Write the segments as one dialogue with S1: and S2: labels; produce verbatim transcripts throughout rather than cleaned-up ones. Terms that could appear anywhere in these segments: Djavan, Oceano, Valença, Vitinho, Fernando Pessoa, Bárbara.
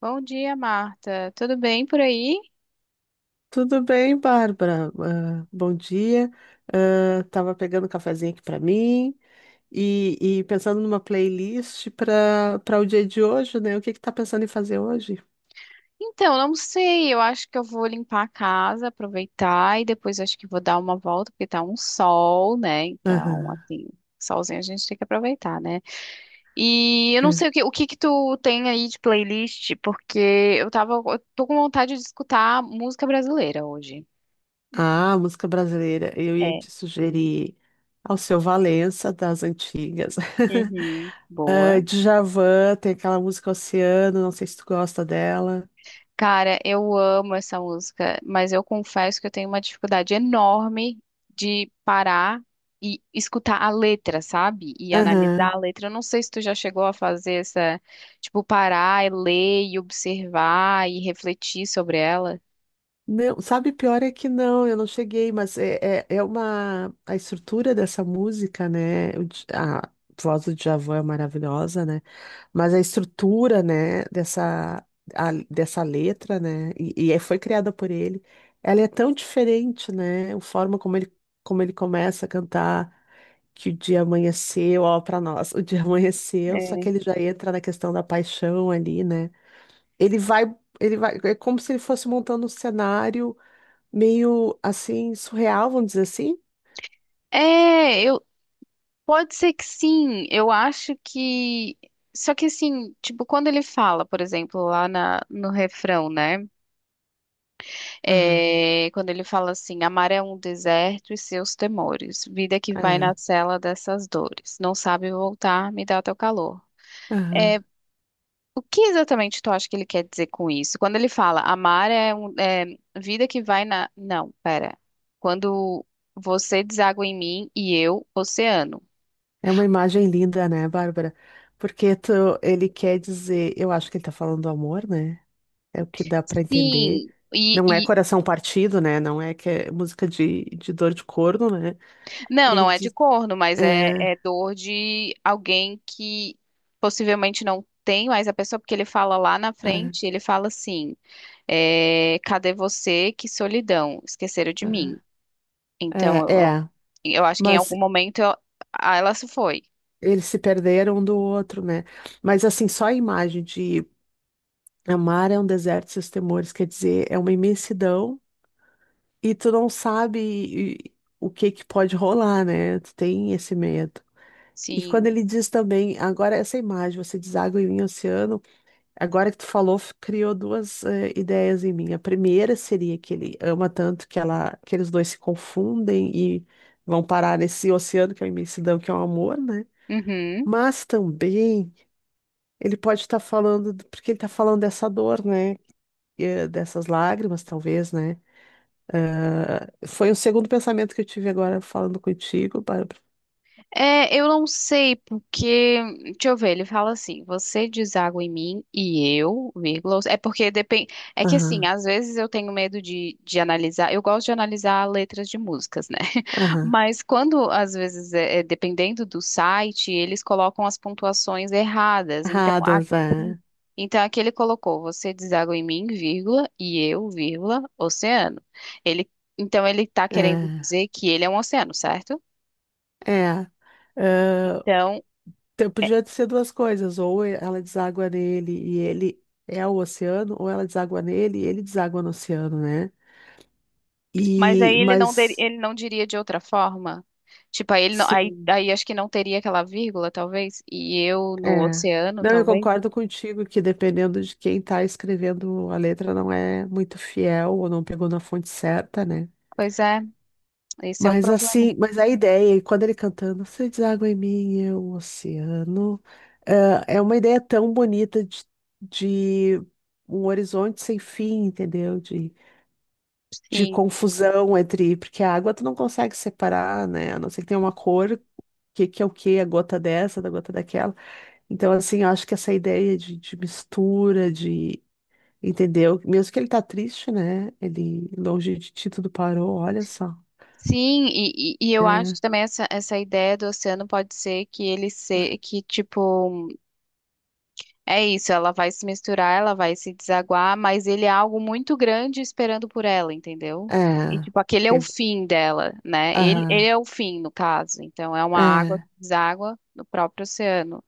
S1: Bom dia, Marta. Tudo bem por aí?
S2: Tudo bem, Bárbara? Ah, bom dia. Ah, tava pegando um cafezinho aqui para mim e, e pensando numa playlist para para o dia de hoje, né? O que que tá pensando em fazer hoje?
S1: Então, não sei. Eu acho que eu vou limpar a casa, aproveitar e depois acho que vou dar uma volta, porque tá um sol, né? Então,
S2: Aham,
S1: assim, solzinho a gente tem que aproveitar, né? E eu não
S2: é.
S1: sei o que, o que que tu tem aí de playlist, porque eu tava, eu tô com vontade de escutar música brasileira hoje.
S2: Ah, música brasileira. Eu ia
S1: É.
S2: te sugerir ao seu Valença das antigas.
S1: Uhum. Boa.
S2: Ah, Djavan, tem aquela música Oceano, não sei se tu gosta dela.
S1: Cara, eu amo essa música, mas eu confesso que eu tenho uma dificuldade enorme de parar e escutar a letra, sabe? E
S2: Aham.
S1: analisar a letra. Eu não sei se tu já chegou a fazer essa, tipo, parar e ler e observar e refletir sobre ela.
S2: Não, sabe, pior é que não, eu não cheguei, mas é, é, é uma. A estrutura dessa música, né? O Dj- a voz do Djavan é maravilhosa, né? Mas a estrutura, né, dessa, a- dessa letra, né? E, e é, foi criada por ele, ela é tão diferente, né? A forma como ele, como ele começa a cantar, que o dia amanheceu, ó, pra nós, o dia amanheceu, só
S1: É.
S2: que ele já entra na questão da paixão ali, né? Ele vai. Ele vai, é como se ele fosse montando um cenário meio assim, surreal, vamos dizer assim.
S1: É, eu pode ser que sim. Eu acho que só que assim, tipo, quando ele fala, por exemplo, lá na, no refrão, né?
S2: Aham,
S1: É, quando ele fala assim, amar é um deserto e seus temores, vida que vai na
S2: aham,
S1: cela dessas dores, não sabe voltar, me dá teu calor.
S2: aham.
S1: É, o que exatamente tu acha que ele quer dizer com isso? Quando ele fala, amar é, um, é vida que vai na... Não, pera. Quando você deságua em mim e eu, oceano.
S2: É uma imagem linda, né, Bárbara? Porque tu, ele quer dizer, eu acho que ele tá falando do amor, né? É o que dá pra entender.
S1: Sim, e,
S2: Não é coração partido, né? Não é que é música de, de dor de corno, né?
S1: não,
S2: Ele
S1: não é de
S2: diz,
S1: corno, mas é,
S2: é,
S1: é dor de alguém que possivelmente não tem mais a pessoa, porque ele fala lá na
S2: é,
S1: frente, ele fala assim, é, cadê você? Que solidão, esqueceram de mim. Então,
S2: é, é,
S1: eu,
S2: é.
S1: eu acho que em
S2: Mas
S1: algum momento eu- ah, ela se foi.
S2: eles se perderam um do outro, né? Mas assim, só a imagem de amar é um deserto e seus temores, quer dizer, é uma imensidão. E tu não sabe e- o que que pode rolar, né? Tu tem esse medo. E quando
S1: Sim.
S2: ele diz também, agora essa imagem, você diz água em mim, oceano, agora que tu falou, f- criou duas eh, ideias em mim. A primeira seria que ele ama tanto que ela, que eles dois se confundem e vão parar nesse oceano que é a imensidão, que é o amor, né?
S1: Uhum.
S2: Mas também ele pode estar falando, do- porque ele está falando dessa dor, né? Eh, Dessas lágrimas, talvez, né? Ah, foi o segundo pensamento que eu tive agora falando contigo, Bárbara.
S1: É, eu não sei porque, deixa eu ver, ele fala assim, você deságua em mim e eu, vírgula, é porque depende, é que assim,
S2: Aham,
S1: às vezes eu tenho medo de, de analisar, eu gosto de analisar letras de músicas, né?
S2: aham.
S1: Mas quando, às vezes, é, é, dependendo do site, eles colocam as pontuações erradas, então aqui,
S2: Erradas, é.
S1: então aqui ele colocou, você deságua em mim, vírgula, e eu, vírgula, oceano. Ele, então ele tá querendo
S2: É,
S1: dizer que ele é um oceano, certo?
S2: é. Ah,
S1: Então,
S2: te- podia ser duas coisas, ou ela deságua nele e ele é o oceano, ou ela deságua nele e ele deságua no oceano, né?
S1: mas aí
S2: E,
S1: ele não, deri-
S2: mas,
S1: ele não diria de outra forma? Tipo, aí, ele não- aí,
S2: sim,
S1: aí acho que não teria aquela vírgula, talvez, e eu no
S2: é.
S1: oceano,
S2: Não, eu
S1: talvez.
S2: concordo contigo que dependendo de quem tá escrevendo a letra não é muito fiel ou não pegou na fonte certa, né?
S1: Pois é, esse é o
S2: Mas
S1: problema.
S2: assim, mas a ideia, e quando ele cantando, você deságua em mim, eu, o oceano, é é uma ideia tão bonita de, de um horizonte sem fim, entendeu? De, de
S1: Sim,
S2: confusão entre, porque a água tu não consegue separar, né? A não ser que tenha uma cor, que, que é o que, a gota dessa, da gota daquela. Então, assim, eu acho que essa ideia de, de mistura, de, entendeu? Mesmo que ele tá triste, né? Ele, longe de ti, tudo parou, olha só.
S1: sim, e, e, e eu acho
S2: É.
S1: que também essa, essa ideia do oceano pode ser que ele se, que tipo é isso, ela vai se misturar, ela vai se desaguar, mas ele é algo muito grande esperando por ela, entendeu? E, tipo, aquele é o
S2: É.
S1: fim dela, né? Ele, ele
S2: Aham,
S1: é o fim, no caso. Então, é uma água que
S2: é,
S1: deságua no próprio oceano.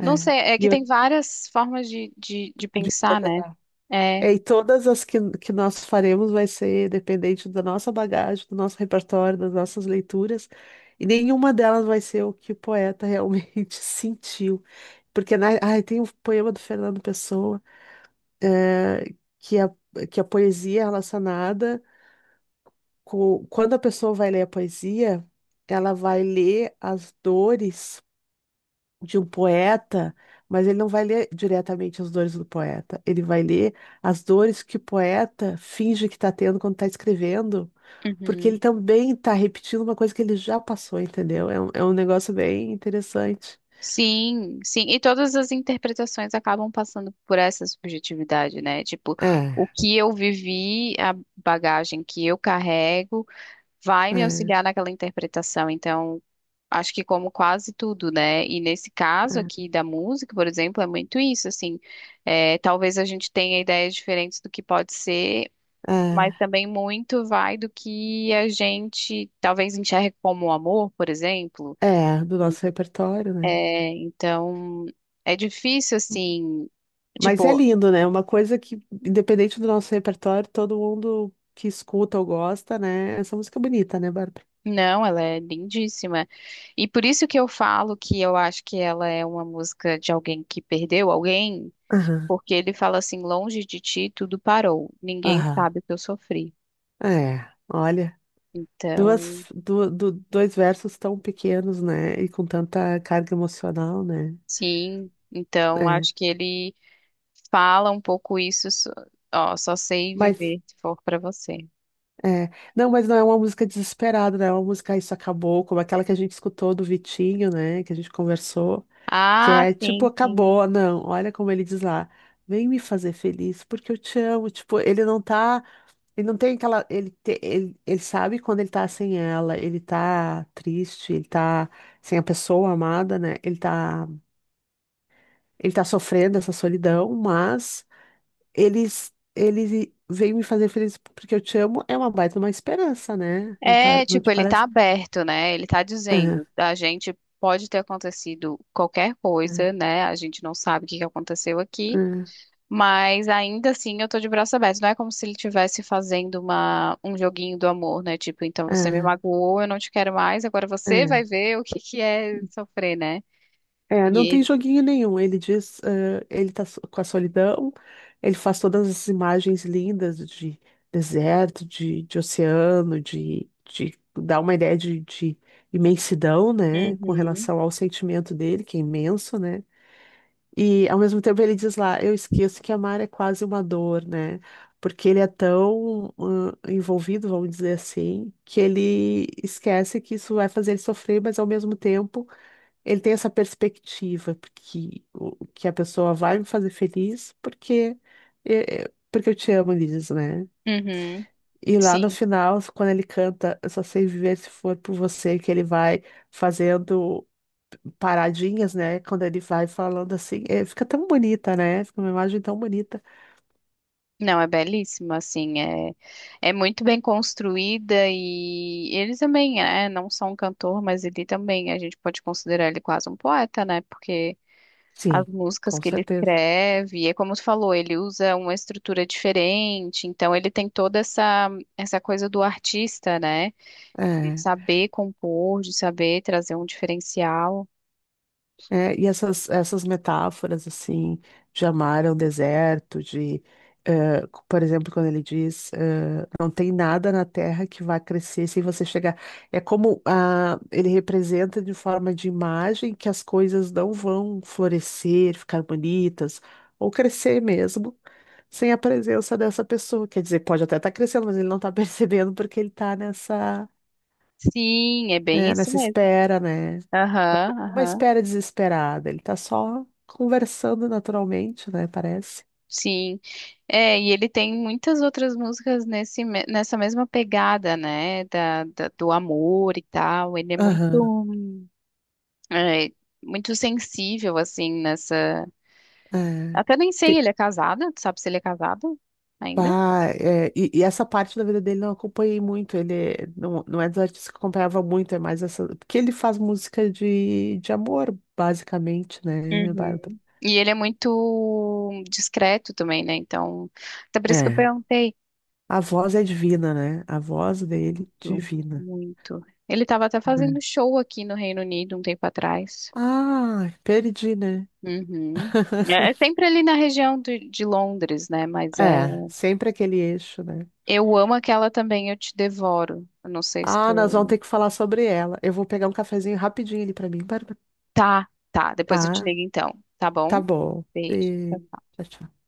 S1: Não sei, é
S2: E
S1: que
S2: eu,
S1: tem várias formas de, de, de
S2: de
S1: pensar, né?
S2: interpretar.
S1: É.
S2: É, e todas as que, que nós faremos vai ser dependente da nossa bagagem, do nosso repertório, das nossas leituras, e nenhuma delas vai ser o que o poeta realmente sentiu. Porque na, ai, tem o poema do Fernando Pessoa, eh, que, a, que a poesia é relacionada com. Quando a pessoa vai ler a poesia, ela vai ler as dores de um poeta, mas ele não vai ler diretamente as dores do poeta. Ele vai ler as dores que o poeta finge que está tendo quando está escrevendo, porque ele
S1: Uhum.
S2: também está repetindo uma coisa que ele já passou, entendeu? É um, é um negócio bem interessante.
S1: Sim, sim. E todas as interpretações acabam passando por essa subjetividade, né? Tipo, o
S2: É,
S1: que eu vivi, a bagagem que eu carrego vai me
S2: é,
S1: auxiliar naquela interpretação. Então, acho que como quase tudo, né? E nesse caso
S2: é,
S1: aqui da música, por exemplo, é muito isso, assim. É, talvez a gente tenha ideias diferentes do que pode ser, mas também muito vai do que a gente talvez enxergue como amor, por exemplo.
S2: é, é, do nosso repertório, né?
S1: É, então, é difícil, assim,
S2: Mas é
S1: tipo.
S2: lindo, né? Uma coisa que, independente do nosso repertório, todo mundo que escuta ou gosta, né? Essa música é bonita, né, Bárbara?
S1: Não, ela é lindíssima. E por isso que eu falo que eu acho que ela é uma música de alguém que perdeu alguém,
S2: Aham,
S1: porque ele fala assim: longe de ti tudo parou, ninguém
S2: aham.
S1: sabe o que eu sofri.
S2: É, olha.
S1: Então,
S2: Duas, du- du- dois versos tão pequenos, né? E com tanta carga emocional, né?
S1: sim, então acho
S2: É.
S1: que ele fala um pouco isso, so- ó, só sei
S2: Mas,
S1: viver se for pra você.
S2: é. Não, mas não é uma música desesperada, né? É uma música "Ah, Isso Acabou", como aquela que a gente escutou do Vitinho, né? Que a gente conversou, que
S1: Ah,
S2: é tipo,
S1: sim, sim.
S2: acabou, não. Olha como ele diz lá. Vem me fazer feliz, porque eu te amo. Tipo, ele não tá. Ele não tem aquela. Ele, te- ele, ele sabe quando ele tá sem ela, ele tá triste, ele tá sem a pessoa amada, né? Ele tá. Ele tá sofrendo essa solidão, mas eles ele veio me fazer feliz porque eu te amo é uma baita uma esperança, né? Não,
S1: É,
S2: pa- não
S1: tipo,
S2: te
S1: ele tá
S2: parece?
S1: aberto, né? Ele tá dizendo,
S2: Ah,
S1: a gente pode ter acontecido qualquer coisa,
S2: ah,
S1: né? A gente não sabe o que que aconteceu aqui.
S2: ah,
S1: Mas ainda assim eu tô de braço aberto. Não é como se ele estivesse fazendo uma, um joguinho do amor, né? Tipo, então você me
S2: ah,
S1: magoou, eu não te quero mais, agora você
S2: ah.
S1: vai ver o que que é sofrer, né?
S2: É, não
S1: E
S2: tem
S1: ele.
S2: joguinho nenhum. Ele diz, ah, ele tá so- com a solidão, ele faz todas as imagens lindas de deserto, de, de oceano, de, de dá uma ideia de, de imensidão, né? Com
S1: Uhum.
S2: relação ao sentimento dele, que é imenso, né? E ao mesmo tempo ele diz lá, eu esqueço que amar é quase uma dor, né? Porque ele é tão hum, envolvido, vamos dizer assim, que ele esquece que isso vai fazer ele sofrer, mas ao mesmo tempo ele tem essa perspectiva porque o- que a pessoa vai me fazer feliz porque é, é, porque eu te amo, ele diz, né?
S1: Uhum.
S2: E lá no
S1: Sim.
S2: final, quando ele canta, eu só sei viver se for por você, que ele vai fazendo paradinhas, né? Quando ele vai falando assim, é, fica tão bonita, né? Fica uma imagem tão bonita.
S1: Não, é belíssimo, assim, é, é muito bem construída e ele também é, não só um cantor, mas ele também, a gente pode considerar ele quase um poeta, né? Porque as
S2: Sim,
S1: músicas
S2: com
S1: que ele
S2: certeza.
S1: escreve. É como tu falou, ele usa uma estrutura diferente, então ele tem toda essa essa coisa do artista, né? De
S2: É.
S1: saber compor, de saber trazer um diferencial.
S2: É, e essas, essas metáforas, assim, de amar ao deserto, de, eh, por exemplo, quando ele diz, eh, não tem nada na terra que vá crescer sem você chegar. É como ah, ele representa de forma de imagem que as coisas não vão florescer, ficar bonitas, ou crescer mesmo, sem a presença dessa pessoa. Quer dizer, pode até estar crescendo, mas ele não está percebendo porque ele está nessa,
S1: Sim, é bem
S2: eh,
S1: isso
S2: nessa
S1: mesmo.
S2: espera, né?
S1: Aham,
S2: É uma
S1: aham.
S2: espera desesperada. Ele tá só conversando naturalmente, né? Parece.
S1: Sim. É, e ele tem muitas outras músicas nesse, me- nessa mesma pegada, né? Da, da- do amor e tal. Ele é muito,
S2: Aham.
S1: hum, é, muito sensível, assim, nessa.
S2: É.
S1: Até nem sei,
S2: Te-
S1: ele é casado, tu sabe se ele é casado ainda?
S2: pá, é, e, e essa parte da vida dele não acompanhei muito. Ele é- não, não é dos artistas que eu acompanhava muito, é mais essa. Porque ele faz música de, de amor, basicamente, né, né, Bárbara?
S1: Uhum. E ele é muito discreto também, né? Então, até por isso que eu
S2: É.
S1: perguntei.
S2: A voz é divina, né? A voz dele,
S1: Muito.
S2: divina.
S1: Muito. Ele estava até fazendo
S2: Né?
S1: show aqui no Reino Unido um tempo atrás.
S2: Ah, perdi, né?
S1: Uhum. É é sempre ali na região de, de Londres, né? Mas é.
S2: É, sempre aquele eixo, né?
S1: Eu amo aquela também, Eu Te Devoro. Eu não sei se
S2: Ah, nós vamos
S1: tu.
S2: ter que falar sobre ela. Eu vou pegar um cafezinho rapidinho ali pra mim, Bárbara.
S1: Tá, tá. Depois eu te
S2: Tá,
S1: ligo então. Tá
S2: tá
S1: bom?
S2: bom.
S1: Beijo.
S2: Beijo.
S1: Tchau,
S2: Tchau, tchau.